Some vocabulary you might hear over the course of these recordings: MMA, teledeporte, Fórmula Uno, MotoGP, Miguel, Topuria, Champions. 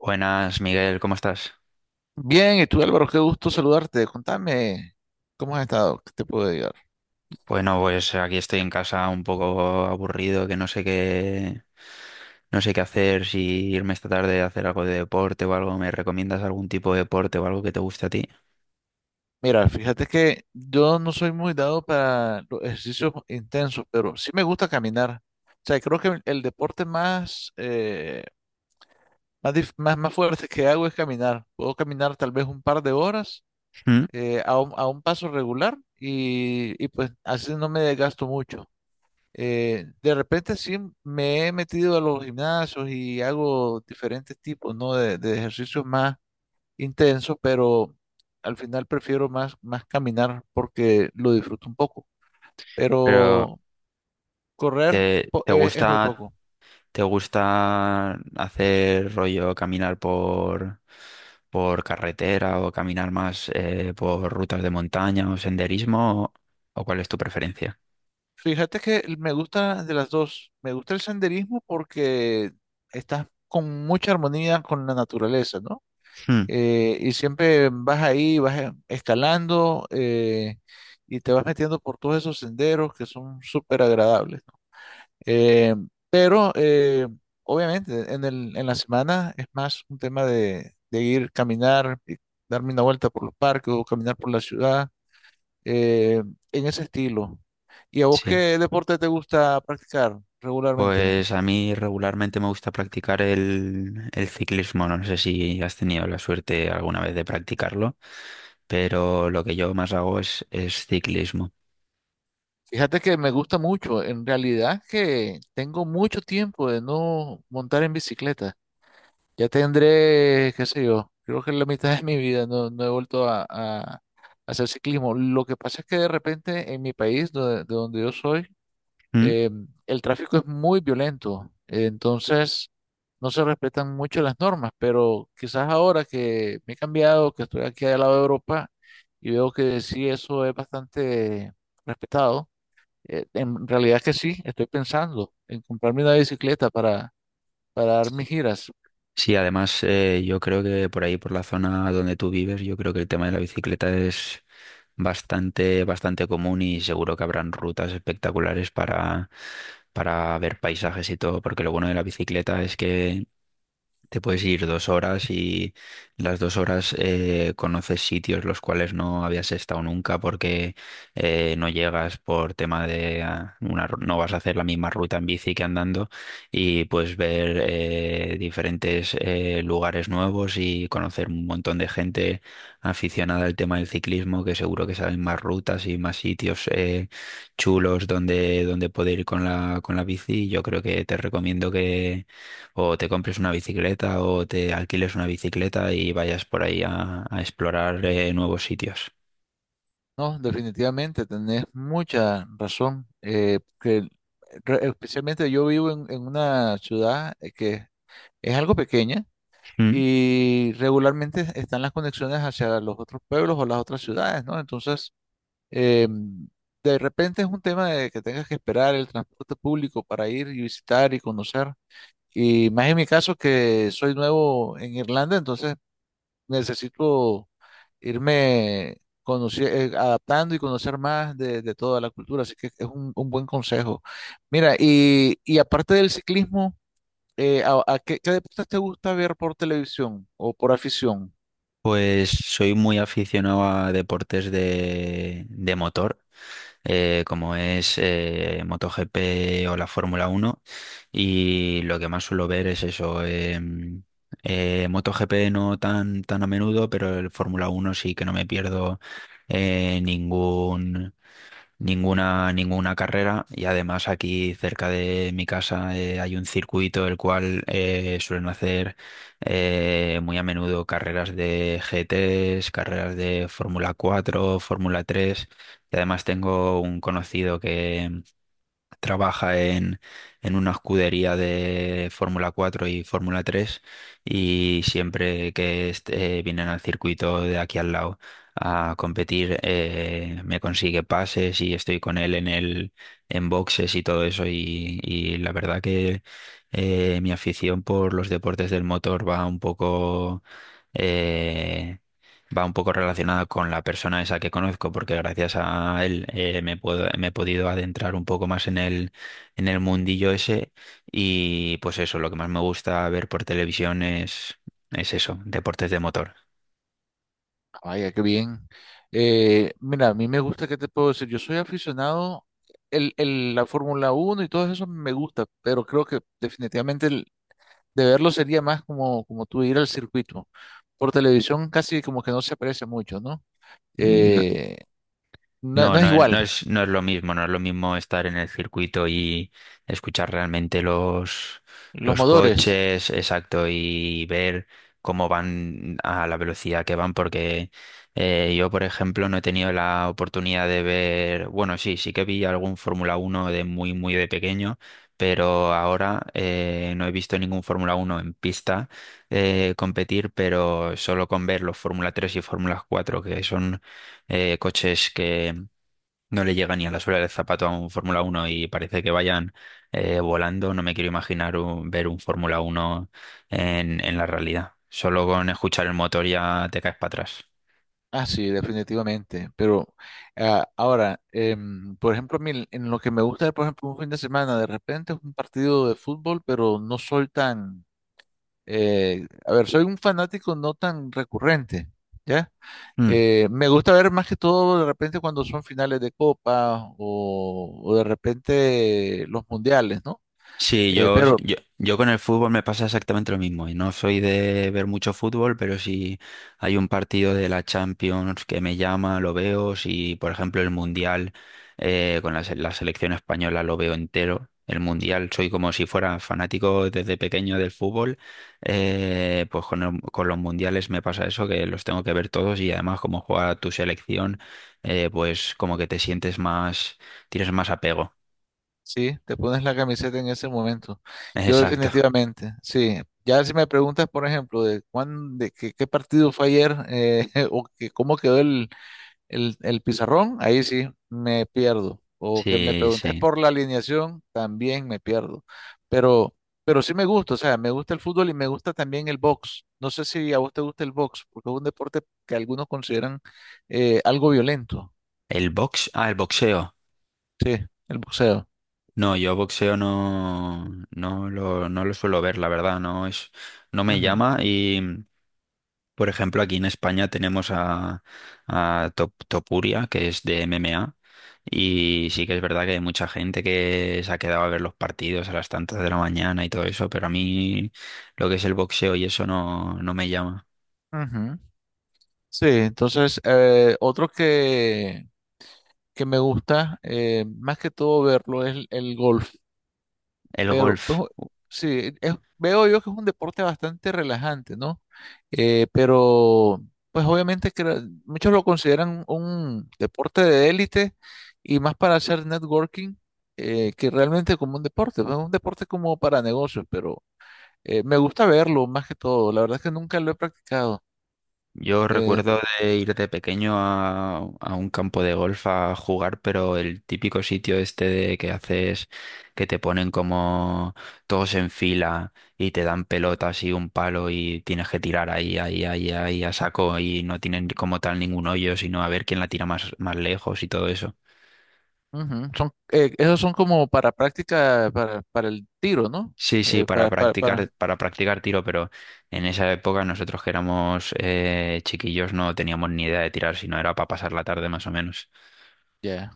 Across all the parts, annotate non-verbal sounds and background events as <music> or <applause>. Buenas, Miguel, ¿cómo estás? Bien, y tú Álvaro, qué gusto saludarte. Contame, ¿cómo has estado? ¿Qué te puedo ayudar? Bueno, pues aquí estoy en casa un poco aburrido, que no sé qué, no sé qué hacer, si irme esta tarde a hacer algo de deporte o algo. ¿Me recomiendas algún tipo de deporte o algo que te guste a ti? Mira, fíjate que yo no soy muy dado para los ejercicios intensos, pero sí me gusta caminar. O sea, creo que el deporte más, más, más, más fuerte que hago es caminar. Puedo caminar tal vez un par de horas Mm. A a un paso regular y pues así no me desgasto mucho. De repente sí me he metido a los gimnasios y hago diferentes tipos, ¿no? De ejercicios más intenso, pero al final prefiero más, más caminar porque lo disfruto un poco. Pero Pero correr ¿te, te es muy gusta, poco. te gusta hacer rollo caminar por carretera o caminar más por rutas de montaña o senderismo o cuál es tu preferencia? Fíjate que me gusta de las dos. Me gusta el senderismo porque estás con mucha armonía con la naturaleza, ¿no? Mm. Y siempre vas ahí, vas escalando y te vas metiendo por todos esos senderos que son súper agradables. Eh, pero eh, Obviamente en en la semana es más un tema de ir caminar, y darme una vuelta por los parques o caminar por la ciudad, eh, en ese estilo. ¿Y a vos Sí. qué deporte te gusta practicar regularmente? Pues a mí regularmente me gusta practicar el ciclismo. No sé si has tenido la suerte alguna vez de practicarlo, pero lo que yo más hago es ciclismo. Fíjate que me gusta mucho, en realidad que tengo mucho tiempo de no montar en bicicleta. Ya tendré, qué sé yo, creo que en la mitad de mi vida no, no he vuelto a hacer ciclismo. Lo que pasa es que de repente en mi país, donde yo soy, ¿Mm? eh, el tráfico es muy violento. Entonces, no se respetan mucho las normas, pero quizás ahora que me he cambiado, que estoy aquí al lado de Europa y veo que sí, eso es bastante respetado. En realidad que sí, estoy pensando en comprarme una bicicleta para dar Sí, mis giras. sí, además yo creo que por ahí, por la zona donde tú vives, yo creo que el tema de la bicicleta es bastante común y seguro que habrán rutas espectaculares para ver paisajes y todo, porque lo bueno de la bicicleta es que te puedes ir 2 horas y las 2 horas conoces sitios los cuales no habías estado nunca porque no llegas por tema de no vas a hacer la misma ruta en bici que andando y puedes ver diferentes lugares nuevos y conocer un montón de gente aficionada al tema del ciclismo que seguro que saben más rutas y más sitios chulos donde poder ir con con la bici. Yo creo que te recomiendo o te compres una bicicleta o te alquiles una bicicleta y vayas por ahí a explorar nuevos sitios. No, definitivamente, tenés mucha razón. Especialmente yo vivo en una ciudad que es algo pequeña Mm. y regularmente están las conexiones hacia los otros pueblos o las otras ciudades, ¿no? Entonces, eh, de repente es un tema de que tengas que esperar el transporte público para ir y visitar y conocer. Y más en mi caso que soy nuevo en Irlanda, entonces necesito adaptando y conocer más de toda la cultura, así que es un buen consejo. Mira, y aparte del ciclismo, a qué, ¿qué deportes te gusta ver por televisión o por afición? Pues soy muy aficionado a deportes de motor, como es MotoGP o la Fórmula Uno. Y lo que más suelo ver es eso. MotoGP no tan, tan a menudo, pero el Fórmula Uno sí que no me pierdo eh, ningún, ninguna carrera y además aquí cerca de mi casa hay un circuito el cual suelen hacer muy a menudo carreras de GTs, carreras de Fórmula 4 Fórmula 3 y además tengo un conocido trabaja en una escudería de Fórmula 4 y Fórmula 3 y siempre que vienen al circuito de aquí al lado a competir me consigue pases y estoy con él en el en boxes y todo eso y la verdad que mi afición por los deportes del motor va un poco eh, va un poco relacionada con la persona esa que conozco, porque gracias a él me he podido adentrar un poco más en en el mundillo ese y pues eso, lo que más me gusta ver por televisión es eso, deportes de motor. Vaya, qué bien. Mira, a mí me gusta, ¿qué te puedo decir? Yo soy aficionado, la Fórmula Uno y todo eso me gusta, pero creo que definitivamente de verlo sería más como, como tú ir al circuito. Por televisión casi como que no se aprecia mucho, ¿no? Mm. Eh, no, no es igual. No es lo mismo, no es lo mismo estar en el circuito y escuchar realmente Los los motores, coches, exacto, y ver cómo van a la velocidad que van, porque yo, por ejemplo, no he tenido la oportunidad de ver, bueno, sí, sí que vi algún Fórmula uno de muy, muy de pequeño, pero ahora no he visto ningún Fórmula uno en pista competir, pero solo con ver los Fórmula 3 y Fórmula 4 que son coches que no le llega ni a la suela del zapato a un Fórmula uno y parece que vayan volando. No me quiero imaginar ver un Fórmula uno en la realidad. Solo con escuchar el motor ya te caes para atrás. ah, sí, definitivamente. Pero ahora, por ejemplo, a mí en lo que me gusta, ver, por ejemplo, un fin de semana, de repente es un partido de fútbol, pero no soy tan, a ver, soy un fanático no tan recurrente, ¿ya? Me gusta ver más que todo de repente cuando son finales de copa o de repente los mundiales, ¿no? Sí, Pero yo con el fútbol me pasa exactamente lo mismo. Y no soy de ver mucho fútbol, pero si hay un partido de la Champions que me llama, lo veo. Si, por ejemplo, el Mundial con la selección española lo veo entero. El Mundial, soy como si fuera fanático desde pequeño del fútbol. Pues con, con los mundiales me pasa eso, que los tengo que ver todos y además como juega tu selección, pues como que te sientes más, tienes más apego. sí, te pones la camiseta en ese momento. <laughs> Yo Exacto. definitivamente, sí. Ya si me preguntas, por ejemplo, de cuán, de qué, qué partido fue ayer <laughs> o que cómo quedó el pizarrón, ahí sí me pierdo. O que me Sí, preguntes sí. por la alineación, también me pierdo. Pero, pero sí me gusta, o sea, me gusta el fútbol y me gusta también el box. No sé si a vos te gusta el box, porque es un deporte que algunos consideran algo violento. El box, ah, el boxeo. Sí, el boxeo. No, yo boxeo no lo suelo ver, la verdad, no es, no me Ujú, llama y, por ejemplo, aquí en España tenemos a Topuria, que es de MMA, y sí que es verdad que hay mucha gente que se ha quedado a ver los partidos a las tantas de la mañana y todo eso, pero a mí lo que es el boxeo y eso no, no me llama. ujú. Sí, entonces, otro que me gusta, más que todo verlo, es el golf. El Pero golf. pues, sí, veo yo que es un deporte bastante relajante, ¿no? Eh, pero pues obviamente que muchos lo consideran un deporte de élite y más para hacer networking que realmente como un deporte, pues, un deporte como para negocios, pero me gusta verlo más que todo. La verdad es que nunca lo he practicado. Yo Eh, recuerdo de ir de pequeño a un campo de golf a jugar, pero el típico sitio este de que haces, que te ponen como todos en fila y te dan pelotas y un palo y tienes que tirar ahí a saco y no tienen como tal ningún hoyo, sino a ver quién la tira más lejos y todo eso. Ujú, son, esos son como para práctica para el tiro, ¿no? Sí, sí, para Para, para practicar tiro, pero en esa época nosotros que éramos chiquillos no teníamos ni idea de tirar, sino era para pasar la tarde más o menos. ya.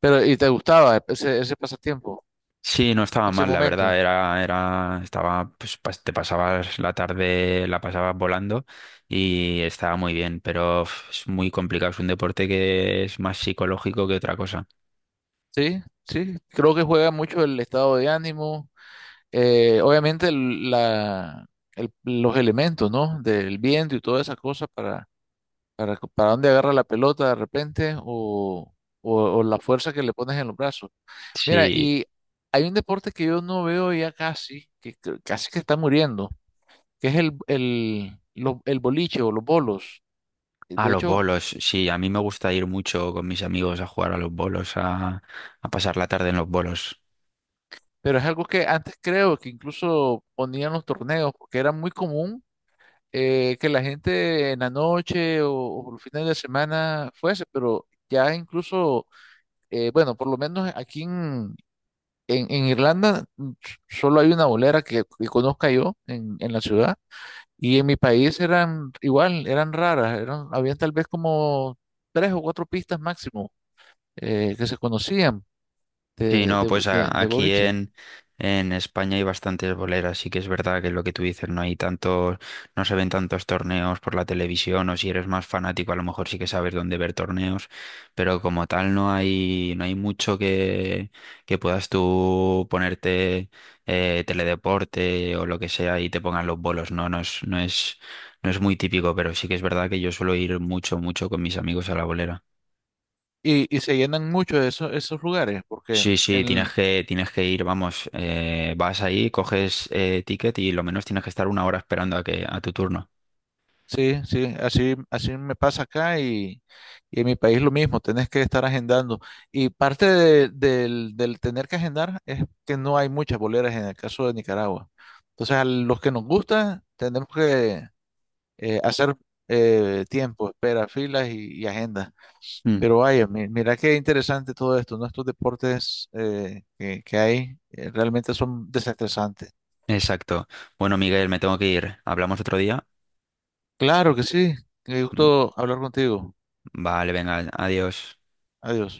Pero, ¿y te gustaba ese, ese pasatiempo? Sí, no estaba Ese mal, la verdad, momento. Estaba, pues te pasabas la tarde, la pasabas volando y estaba muy bien, pero uf, es muy complicado, es un deporte que es más psicológico que otra cosa. Sí, sí, creo que juega mucho el estado de ánimo, obviamente los elementos, ¿no? Del viento y todas esas cosas para dónde agarra la pelota de repente o la fuerza que le pones en los brazos. Mira, Sí, y hay un deporte que yo no veo ya casi, que casi que está muriendo, que es el boliche o los bolos. a De los hecho, bolos, sí, a mí me gusta ir mucho con mis amigos a jugar a los bolos, a pasar la tarde en los bolos. pero es algo que antes creo que incluso ponían los torneos, porque era muy común que la gente en la noche o los fines de semana fuese, pero ya incluso, bueno, por lo menos aquí en Irlanda, mm, solo hay una bolera que conozca yo en la ciudad y en mi país eran igual, eran raras, eran, habían tal vez como tres o cuatro pistas máximo que se conocían Sí, no, pues de aquí boliche. En España hay bastantes boleras, sí que es verdad que lo que tú dices, no hay tantos, no se ven tantos torneos por la televisión, o si eres más fanático, a lo mejor sí que sabes dónde ver torneos, pero como tal no hay, no hay mucho que puedas tú ponerte teledeporte o lo que sea y te pongan los bolos, no es muy típico, pero sí que es verdad que yo suelo ir mucho, mucho con mis amigos a la bolera. Y se llenan mucho esos, esos lugares, Sí, porque sí, en, tienes que ir, vamos, vas ahí, coges ticket y lo menos tienes que estar 1 hora esperando a que a tu turno. sí, sí, así, así me pasa acá y en mi país lo mismo, tenés que estar agendando. Y parte del tener que agendar es que no hay muchas boleras en el caso de Nicaragua. Entonces, a los que nos gusta, tenemos que hacer tiempo, espera, filas y agendas. Mm. Pero vaya, mira qué interesante todo esto, ¿no? Estos deportes que hay realmente son desestresantes. Exacto. Bueno, Miguel, me tengo que ir. ¿Hablamos otro día? Claro que sí, me Mm. gustó hablar contigo. Vale, venga, adiós. Adiós.